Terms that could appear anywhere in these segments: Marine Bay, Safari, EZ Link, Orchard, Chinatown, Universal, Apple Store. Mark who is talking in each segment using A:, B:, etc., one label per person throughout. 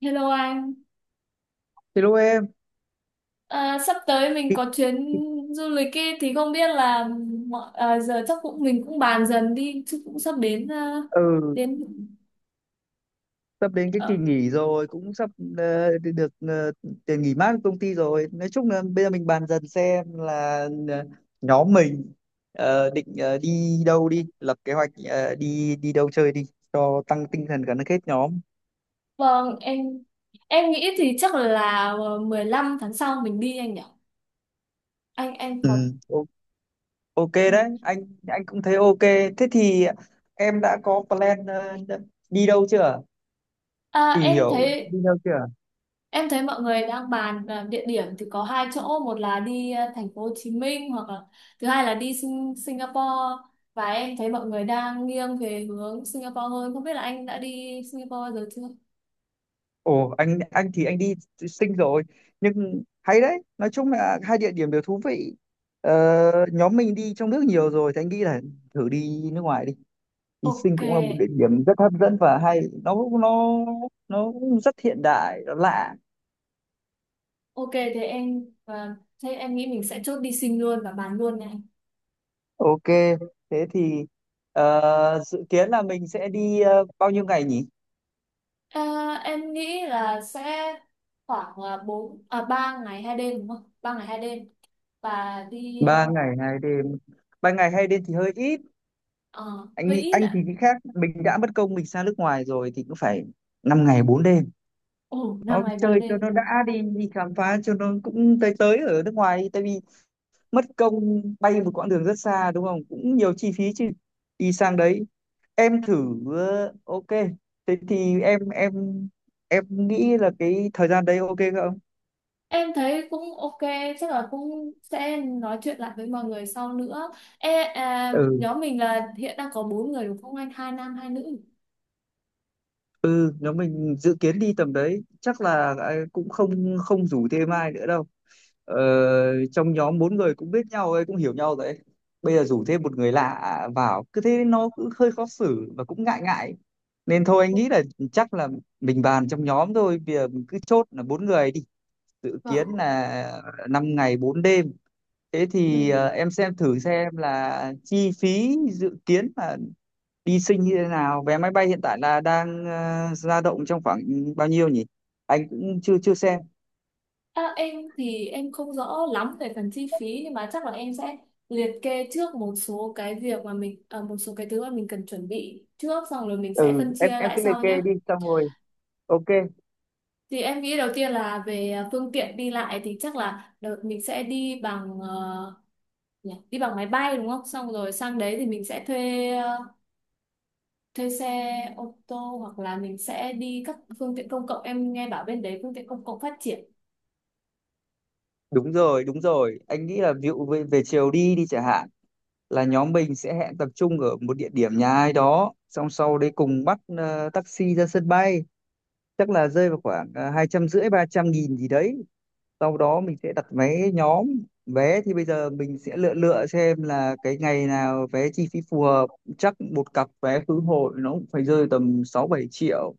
A: Hello anh,
B: Hello em.
A: à, sắp tới mình
B: Thì-
A: có chuyến
B: thì-
A: du lịch ấy, thì không biết là giờ chắc mình cũng bàn dần đi chứ cũng sắp đến à,
B: ừ,
A: đến
B: sắp đến cái kỳ
A: ờ,
B: nghỉ rồi, cũng sắp đi được tiền nghỉ mát của công ty rồi. Nói chung là bây giờ mình bàn dần xem là ờ, nhóm mình định đi đâu đi, lập kế hoạch đi đi đâu chơi đi, cho tăng tinh thần gắn kết nhóm.
A: vâng, em nghĩ thì chắc là 15 tháng sau mình đi anh nhỉ? Anh
B: Ừ,
A: có
B: o- ok đấy, anh cũng thấy ok. Thế thì em đã có plan đi đâu chưa?
A: à,
B: Tìm
A: em
B: hiểu
A: thấy
B: đi đâu chưa?
A: Em thấy mọi người đang bàn à, địa điểm thì có hai chỗ, một là đi à, thành phố Hồ Chí Minh, hoặc là thứ hai là đi Singapore, và em thấy mọi người đang nghiêng về hướng Singapore hơn. Không biết là anh đã đi Singapore bao giờ chưa?
B: Ồ, anh thì anh đi sinh rồi, nhưng hay đấy, nói chung là hai địa điểm đều thú vị. Nhóm mình đi trong nước nhiều rồi thì anh nghĩ là thử đi nước ngoài đi, đi sinh
A: Ok,
B: cũng là một địa điểm rất hấp dẫn và hay. Nó nó nó rất hiện đại, nó lạ.
A: ok, thế em nghĩ mình sẽ chốt đi Sing luôn và bàn luôn này.
B: Ok, thế thì dự kiến là mình sẽ đi bao nhiêu ngày nhỉ?
A: À, em nghĩ là sẽ khoảng à, bốn à 3 ngày 2 đêm đúng không? 3 ngày 2 đêm và đi
B: 3 ngày 2 đêm. 3 ngày 2 đêm thì hơi ít. anh
A: hơi ít
B: anh thì
A: ạ.
B: nghĩ khác, mình đã mất công mình sang nước ngoài rồi thì cũng phải 5 ngày 4 đêm.
A: Ồ,
B: Nó
A: năm ngày bốn
B: chơi cho
A: đêm.
B: nó đã, đi đi khám phá cho nó, cũng tới tới ở nước ngoài đi. Tại vì mất công bay một quãng đường rất xa đúng không, cũng nhiều chi phí chứ đi sang đấy. Em thử ok, thế thì em nghĩ là cái thời gian đấy ok không?
A: Em thấy cũng ok, chắc là cũng sẽ nói chuyện lại với mọi người sau nữa. Ê, à,
B: Ừ,
A: nhóm mình là hiện đang có bốn người đúng không anh? Hai nam, hai nữ.
B: ừ, nếu mình dự kiến đi tầm đấy chắc là cũng không không rủ thêm ai nữa đâu. Ờ, trong nhóm bốn người cũng biết nhau ấy, cũng hiểu nhau rồi ấy. Bây giờ rủ thêm một người lạ vào cứ thế nó cũng hơi khó xử và cũng ngại ngại, nên thôi anh nghĩ là chắc là mình bàn trong nhóm thôi, bây giờ mình cứ chốt là bốn người đi, dự
A: Vâng.
B: kiến là 5 ngày 4 đêm. Thế thì
A: Ừ.
B: em xem thử xem là chi phí dự kiến là đi sinh như thế nào, vé máy bay hiện tại là đang dao động trong khoảng bao nhiêu nhỉ? Anh cũng chưa chưa xem.
A: À, em thì em không rõ lắm về phần chi phí, nhưng mà chắc là em sẽ liệt kê trước một số cái việc mà một số cái thứ mà mình cần chuẩn bị trước, xong rồi mình sẽ
B: Ừ,
A: phân chia
B: em
A: lại
B: cứ liệt
A: sau nhé.
B: kê đi, xong rồi ok.
A: Thì em nghĩ đầu tiên là về à, phương tiện đi lại, thì chắc là đợt mình sẽ đi bằng ờ, nhỉ? Đi bằng máy bay đúng không, xong rồi sang đấy thì mình sẽ thuê xe ô tô, hoặc là mình sẽ đi các phương tiện công cộng, em nghe bảo bên đấy phương tiện công cộng phát triển.
B: Đúng rồi, đúng rồi. Anh nghĩ là ví dụ về chiều đi đi chẳng hạn, là nhóm mình sẽ hẹn tập trung ở một địa điểm nhà ai đó, xong sau đấy cùng bắt taxi ra sân bay, chắc là rơi vào khoảng 250-300 nghìn gì đấy. Sau đó mình sẽ đặt vé nhóm. Vé thì bây giờ mình sẽ lựa lựa xem là cái ngày nào vé chi phí phù hợp. Chắc một cặp vé khứ hồi nó cũng phải rơi tầm 6-7 triệu.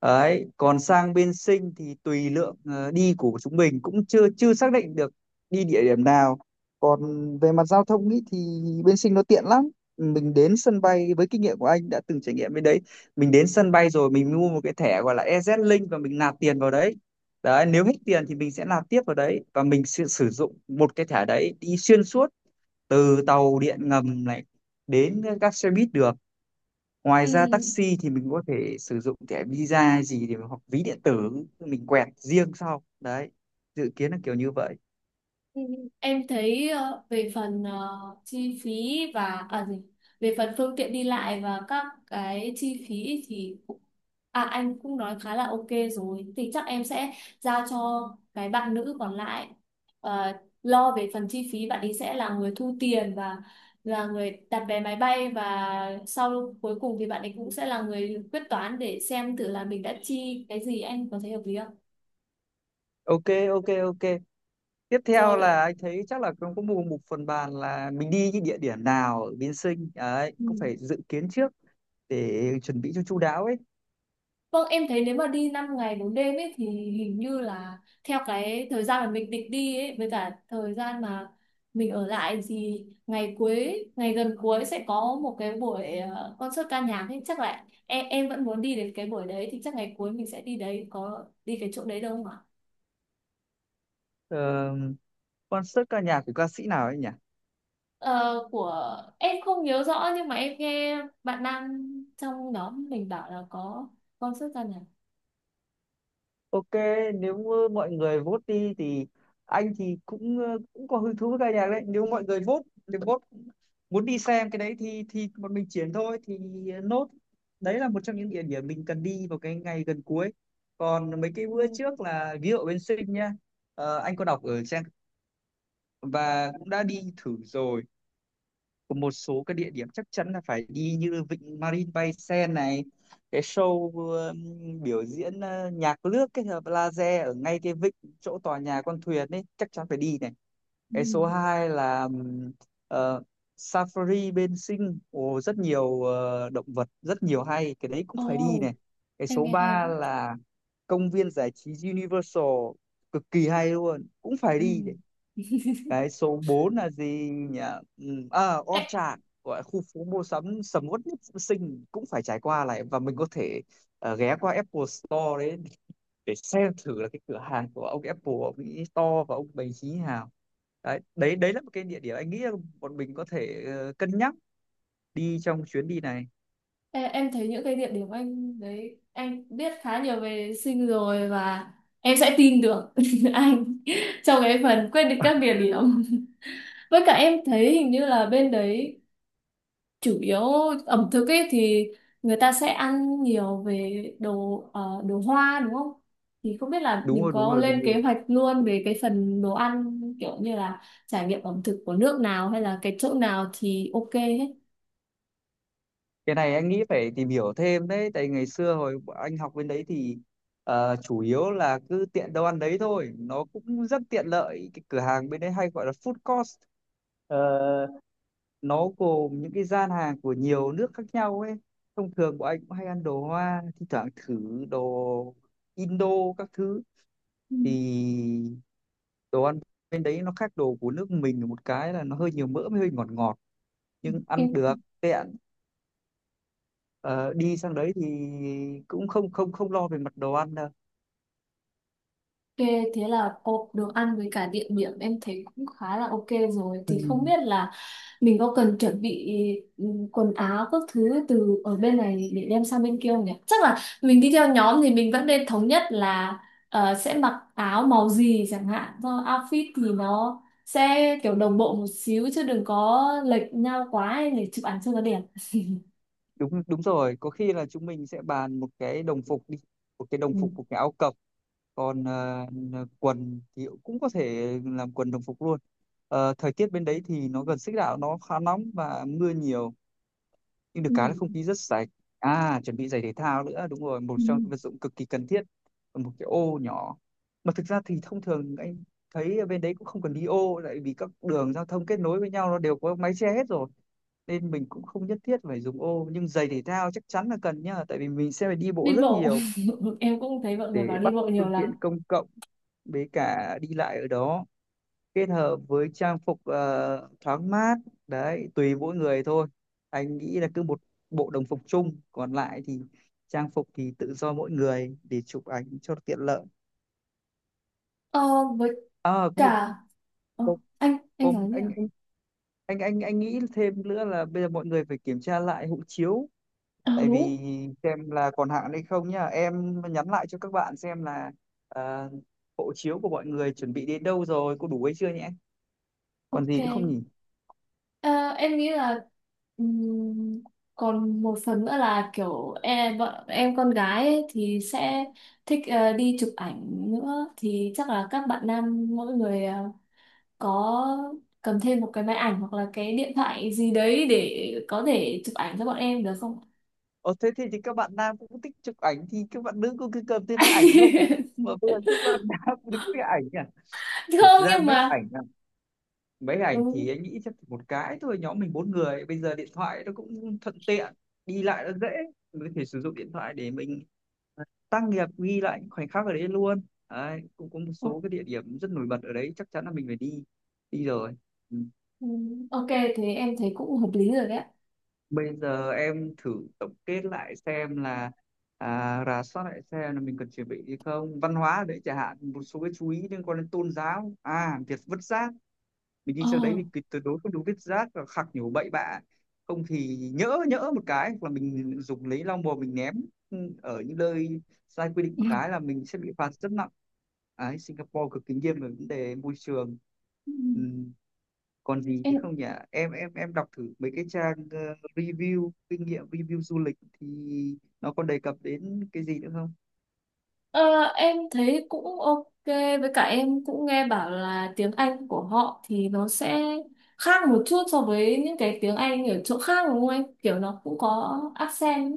B: Đấy, còn sang bên Sinh thì tùy lượng đi của chúng mình cũng chưa chưa xác định được đi địa điểm nào. Còn về mặt giao thông ý, thì bên Sinh nó tiện lắm. Mình đến sân bay, với kinh nghiệm của anh đã từng trải nghiệm bên đấy. Mình đến sân bay rồi mình mua một cái thẻ gọi là EZ Link và mình nạp tiền vào đấy. Đấy, nếu hết tiền thì mình sẽ nạp tiếp vào đấy và mình sẽ sử dụng một cái thẻ đấy đi xuyên suốt từ tàu điện ngầm này đến các xe buýt đường. Ngoài
A: Ừ.
B: ra taxi thì mình có thể sử dụng thẻ Visa hay gì để, hoặc ví điện tử mình quẹt riêng sau. Đấy, dự kiến là kiểu như vậy.
A: Ừ. Em thấy về phần chi phí và à gì về phần phương tiện đi lại và các cái chi phí thì cũng- à anh cũng nói khá là ok rồi, thì chắc em sẽ giao cho cái bạn nữ còn lại ờ, lo về phần chi phí, bạn ấy sẽ là người thu tiền và là người đặt vé máy bay, và sau cuối cùng thì bạn ấy cũng sẽ là người quyết toán để xem thử là mình đã chi cái gì, anh có thấy hợp lý không?
B: Ok, ok, ok. Tiếp theo là
A: Rồi,
B: anh thấy chắc là cũng có một một phần bàn là mình đi những địa điểm nào ở Biên Sinh đấy,
A: ừ.
B: cũng phải dự kiến trước để chuẩn bị cho chu đáo ấy.
A: Vâng, em thấy nếu mà đi 5 ngày 4 đêm ấy thì hình như là theo cái thời gian mà mình định đi ấy với cả thời gian mà mình ở lại thì ngày cuối, ngày gần cuối sẽ có một cái buổi concert ca nhạc ấy, chắc là em vẫn muốn đi đến cái buổi đấy, thì chắc ngày cuối mình sẽ đi đấy, có đi cái chỗ đấy đâu không ạ?
B: Ờ, concert ca nhạc của ca sĩ nào ấy nhỉ?
A: Ờ, của em không nhớ rõ, nhưng mà em nghe bạn nam trong nhóm mình bảo là có concert ca nhạc.
B: Ok, nếu mọi người vote đi thì anh thì cũng cũng có hứng thú với ca nhạc đấy. Nếu mọi người vote, nếu vote muốn đi xem cái đấy thì bọn mình chuyển thôi thì nốt. Đấy là một trong những địa điểm mình cần đi vào cái ngày gần cuối. Còn mấy cái bữa
A: Ừ.
B: trước là ví dụ bên Sinh nha. Ờ, anh có đọc ở trang và cũng đã đi thử rồi của một số cái địa điểm chắc chắn là phải đi, như Vịnh Marine Bay Sen này, cái show biểu diễn nhạc nước kết hợp laser ở ngay cái vịnh chỗ tòa nhà con thuyền ấy chắc chắn phải đi này. Cái số
A: Ừ.
B: 2 là ờ, Safari bên Sing, ồ, rất nhiều động vật, rất nhiều, hay, cái đấy cũng phải đi
A: Ồ,
B: này. Cái
A: em
B: số
A: nghe hay
B: 3
A: đấy.
B: là công viên giải trí Universal cực kỳ hay luôn, cũng phải đi.
A: Ừ.
B: Cái số 4 là gì nhỉ? Ừ, à,
A: Ê,
B: Orchard, gọi là khu phố mua sắm sầm uất nhất sinh, cũng phải trải qua lại, và mình có thể ghé qua Apple Store đấy để xem thử là cái cửa hàng của ông Apple, ông ấy to và ông bày trí nào. Đấy, đấy là một cái địa điểm anh nghĩ là bọn mình có thể cân nhắc đi trong chuyến đi này.
A: Ê, em thấy những cái địa điểm anh đấy, anh biết khá nhiều về sinh rồi, và em sẽ tin được anh trong cái phần quyết định các địa điểm. Với cả em thấy hình như là bên đấy chủ yếu ẩm thực ấy, thì người ta sẽ ăn nhiều về đồ hoa đúng không? Thì không biết là
B: Đúng
A: mình
B: rồi, đúng
A: có
B: rồi, đúng
A: lên
B: rồi.
A: kế hoạch luôn về cái phần đồ ăn, kiểu như là trải nghiệm ẩm thực của nước nào hay là cái chỗ nào thì ok hết.
B: Cái này anh nghĩ phải tìm hiểu thêm đấy, tại ngày xưa hồi bọn anh học bên đấy thì chủ yếu là cứ tiện đâu ăn đấy thôi, nó cũng rất tiện lợi, cái cửa hàng bên đấy hay gọi là food court. Ờ, nó gồm những cái gian hàng của nhiều nước khác nhau ấy, thông thường bọn anh cũng hay ăn đồ Hoa, thi thoảng thử đồ Indo các thứ. Thì đồ ăn bên đấy nó khác đồ của nước mình một cái là nó hơi nhiều mỡ với hơi ngọt ngọt, nhưng
A: Ừ.
B: ăn được, tiện. Ờ, đi sang đấy thì cũng không không không lo về mặt đồ ăn đâu.
A: Ok, thế là hộp đồ ăn với cả địa điểm em thấy cũng khá là ok rồi.
B: Ừ,
A: Thì không biết là mình có cần chuẩn bị ừ, quần áo các thứ từ ở bên này để đem sang bên kia không nhỉ? Chắc là mình đi theo nhóm thì mình vẫn nên thống nhất là sẽ mặc áo màu gì chẳng hạn. Do outfit thì nó sẽ kiểu đồng bộ một xíu chứ đừng có lệch nhau quá ấy, để chụp ảnh cho nó đẹp.
B: đúng đúng rồi, có khi là chúng mình sẽ bàn một cái đồng phục đi, một cái đồng
A: Ừ.
B: phục, một cái áo cộc. Còn quần thì cũng có thể làm quần đồng phục luôn. Ờ, thời tiết bên đấy thì nó gần xích đạo, nó khá nóng và mưa nhiều, nhưng được
A: Ừ.
B: cái là không khí rất sạch. À, chuẩn bị giày thể thao nữa, đúng rồi, một
A: Ừ.
B: trong những vật dụng cực kỳ cần thiết là một cái ô nhỏ, mà thực ra thì thông thường anh thấy ở bên đấy cũng không cần đi ô, lại vì các đường giao thông kết nối với nhau nó đều có mái che hết rồi nên mình cũng không nhất thiết phải dùng ô, nhưng giày thể thao chắc chắn là cần nhá, tại vì mình sẽ phải đi bộ
A: Đi
B: rất
A: bộ.
B: nhiều
A: Em cũng thấy mọi người
B: để
A: bảo đi
B: bắt
A: bộ nhiều
B: phương
A: lắm.
B: tiện công cộng với cả đi lại ở đó, kết hợp với trang phục thoáng mát. Đấy, tùy mỗi người thôi, anh nghĩ là cứ một bộ đồng phục chung, còn lại thì trang phục thì tự do mỗi người để chụp ảnh cho tiện lợi.
A: Ờ, với
B: À, có một,
A: cả Ờ,
B: có,
A: anh
B: có
A: nói gì ạ?
B: anh nghĩ thêm nữa là bây giờ mọi người phải kiểm tra lại hộ chiếu,
A: Ờ,
B: tại
A: đúng.
B: vì xem là còn hạn hay không nhá, em nhắn lại cho các bạn xem là ờ, hộ chiếu của mọi người chuẩn bị đến đâu rồi, có đủ hay chưa nhé. Còn
A: Ok.
B: gì nữa không nhỉ?
A: Ờ, em nghĩ là ừm, còn một phần nữa là kiểu em, bọn em con gái ấy thì sẽ thích đi chụp ảnh nữa, thì chắc là các bạn nam mỗi người có cầm thêm một cái máy ảnh hoặc là cái điện thoại gì đấy để có thể chụp ảnh cho bọn em được không?
B: Ờ, thế thì, các bạn nam cũng thích chụp ảnh thì các bạn nữ cũng cứ cầm thêm máy ảnh không? Mà bây giờ các bạn nam thì có cái ảnh à? Thực
A: Không
B: ra
A: nhưng
B: mấy
A: mà
B: ảnh à, mấy
A: ừ,
B: ảnh thì anh nghĩ chắc chỉ một cái thôi, nhóm mình bốn người, bây giờ điện thoại nó cũng thuận tiện, đi lại nó dễ, mình có thể sử dụng điện thoại để mình tác nghiệp ghi lại những khoảnh khắc ở đấy luôn. Đấy, cũng có một số cái địa điểm rất nổi bật ở đấy chắc chắn là mình phải đi đi rồi. Ừ.
A: ok thì em thấy cũng hợp lý rồi đấy, ạ.
B: Bây giờ em thử tổng kết lại xem là, à, rà soát lại xem là mình cần chuẩn bị gì không, văn hóa ở đấy chẳng hạn, một số cái chú ý liên quan đến tôn giáo, à, việc vứt rác. Mình đi
A: Ờ.
B: sang đấy mình tuyệt tuyệt đối không được vứt rác và khạc nhổ bậy bạ, không thì nhỡ nhỡ một cái, hoặc là mình dùng lấy lau bùa mình ném ở những nơi sai quy định một cái là mình sẽ bị phạt rất nặng. Đấy, Singapore cực kỳ nghiêm về vấn đề môi trường.
A: Ừ.
B: Ừ, còn gì chứ
A: Em
B: không nhỉ? Em đọc thử mấy cái trang review kinh nghiệm, review du lịch thì nó còn đề cập đến cái gì nữa không?
A: Ờ, em thấy cũng ok, với cả em cũng nghe bảo là tiếng Anh của họ thì nó sẽ khác một chút so với những cái tiếng Anh ở chỗ khác đúng không em? Kiểu nó cũng có accent,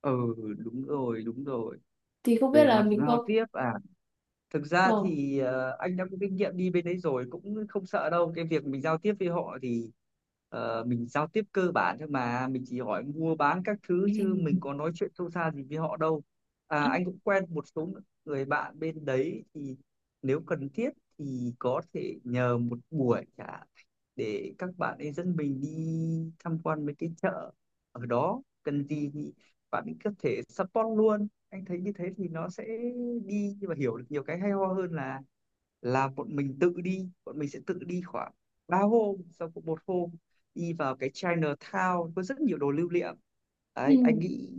B: Ừ, đúng rồi, đúng rồi.
A: thì không biết
B: Về
A: là
B: mặt
A: mình
B: giao
A: có.
B: tiếp à, thực ra
A: Vâng.
B: thì anh đã có kinh nghiệm đi bên đấy rồi, cũng không sợ đâu cái việc mình giao tiếp với họ, thì mình giao tiếp cơ bản thôi mà, mình chỉ hỏi mua bán các thứ
A: Ừ.
B: chứ mình có nói chuyện sâu xa gì với họ đâu. À, anh cũng quen một số người bạn bên đấy, thì nếu cần thiết thì có thể nhờ một buổi cả để các bạn ấy dẫn mình đi tham quan mấy cái chợ ở đó, cần gì thì bạn ấy có thể support luôn. Anh thấy như thế thì nó sẽ đi và hiểu được nhiều cái hay ho hơn là bọn mình tự đi. Bọn mình sẽ tự đi khoảng 3 hôm sau, cũng một hôm đi vào cái Chinatown có rất nhiều đồ lưu niệm,
A: Ừ.
B: đấy anh nghĩ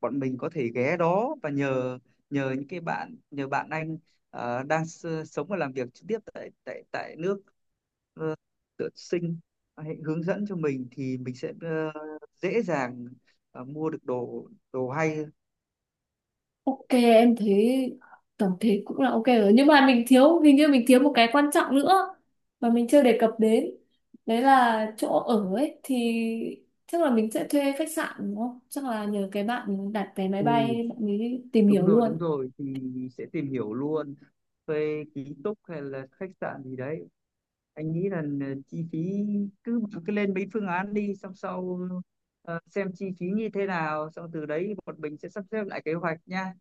B: bọn mình có thể ghé đó và nhờ, nhờ những cái bạn, nhờ bạn anh đang sống và làm việc trực tiếp tại tại tại nước ờ, tự sinh, hãy hướng dẫn cho mình thì mình sẽ dễ dàng mua được đồ đồ hay.
A: Ok em thấy tổng thể cũng là ok rồi, nhưng mà mình thiếu, hình như mình thiếu một cái quan trọng nữa mà mình chưa đề cập đến, đấy là chỗ ở ấy, thì chắc là mình sẽ thuê khách sạn đúng không, chắc là nhờ cái bạn đặt vé máy
B: Ừ,
A: bay bạn ấy tìm
B: đúng
A: hiểu
B: rồi,
A: luôn.
B: đúng rồi, thì sẽ tìm hiểu luôn về ký túc hay là khách sạn gì đấy, anh nghĩ là chi phí, cứ cứ lên mấy phương án đi, xong sau xem chi phí như thế nào, xong từ đấy bọn mình sẽ sắp xếp lại kế hoạch nha.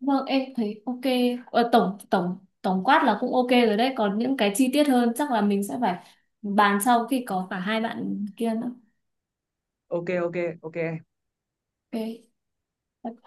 A: Vâng em thấy ok, tổng tổng tổng quát là cũng ok rồi đấy, còn những cái chi tiết hơn chắc là mình sẽ phải bàn sau khi có cả hai bạn kia nữa.
B: Ok, ok, ok.
A: Ok.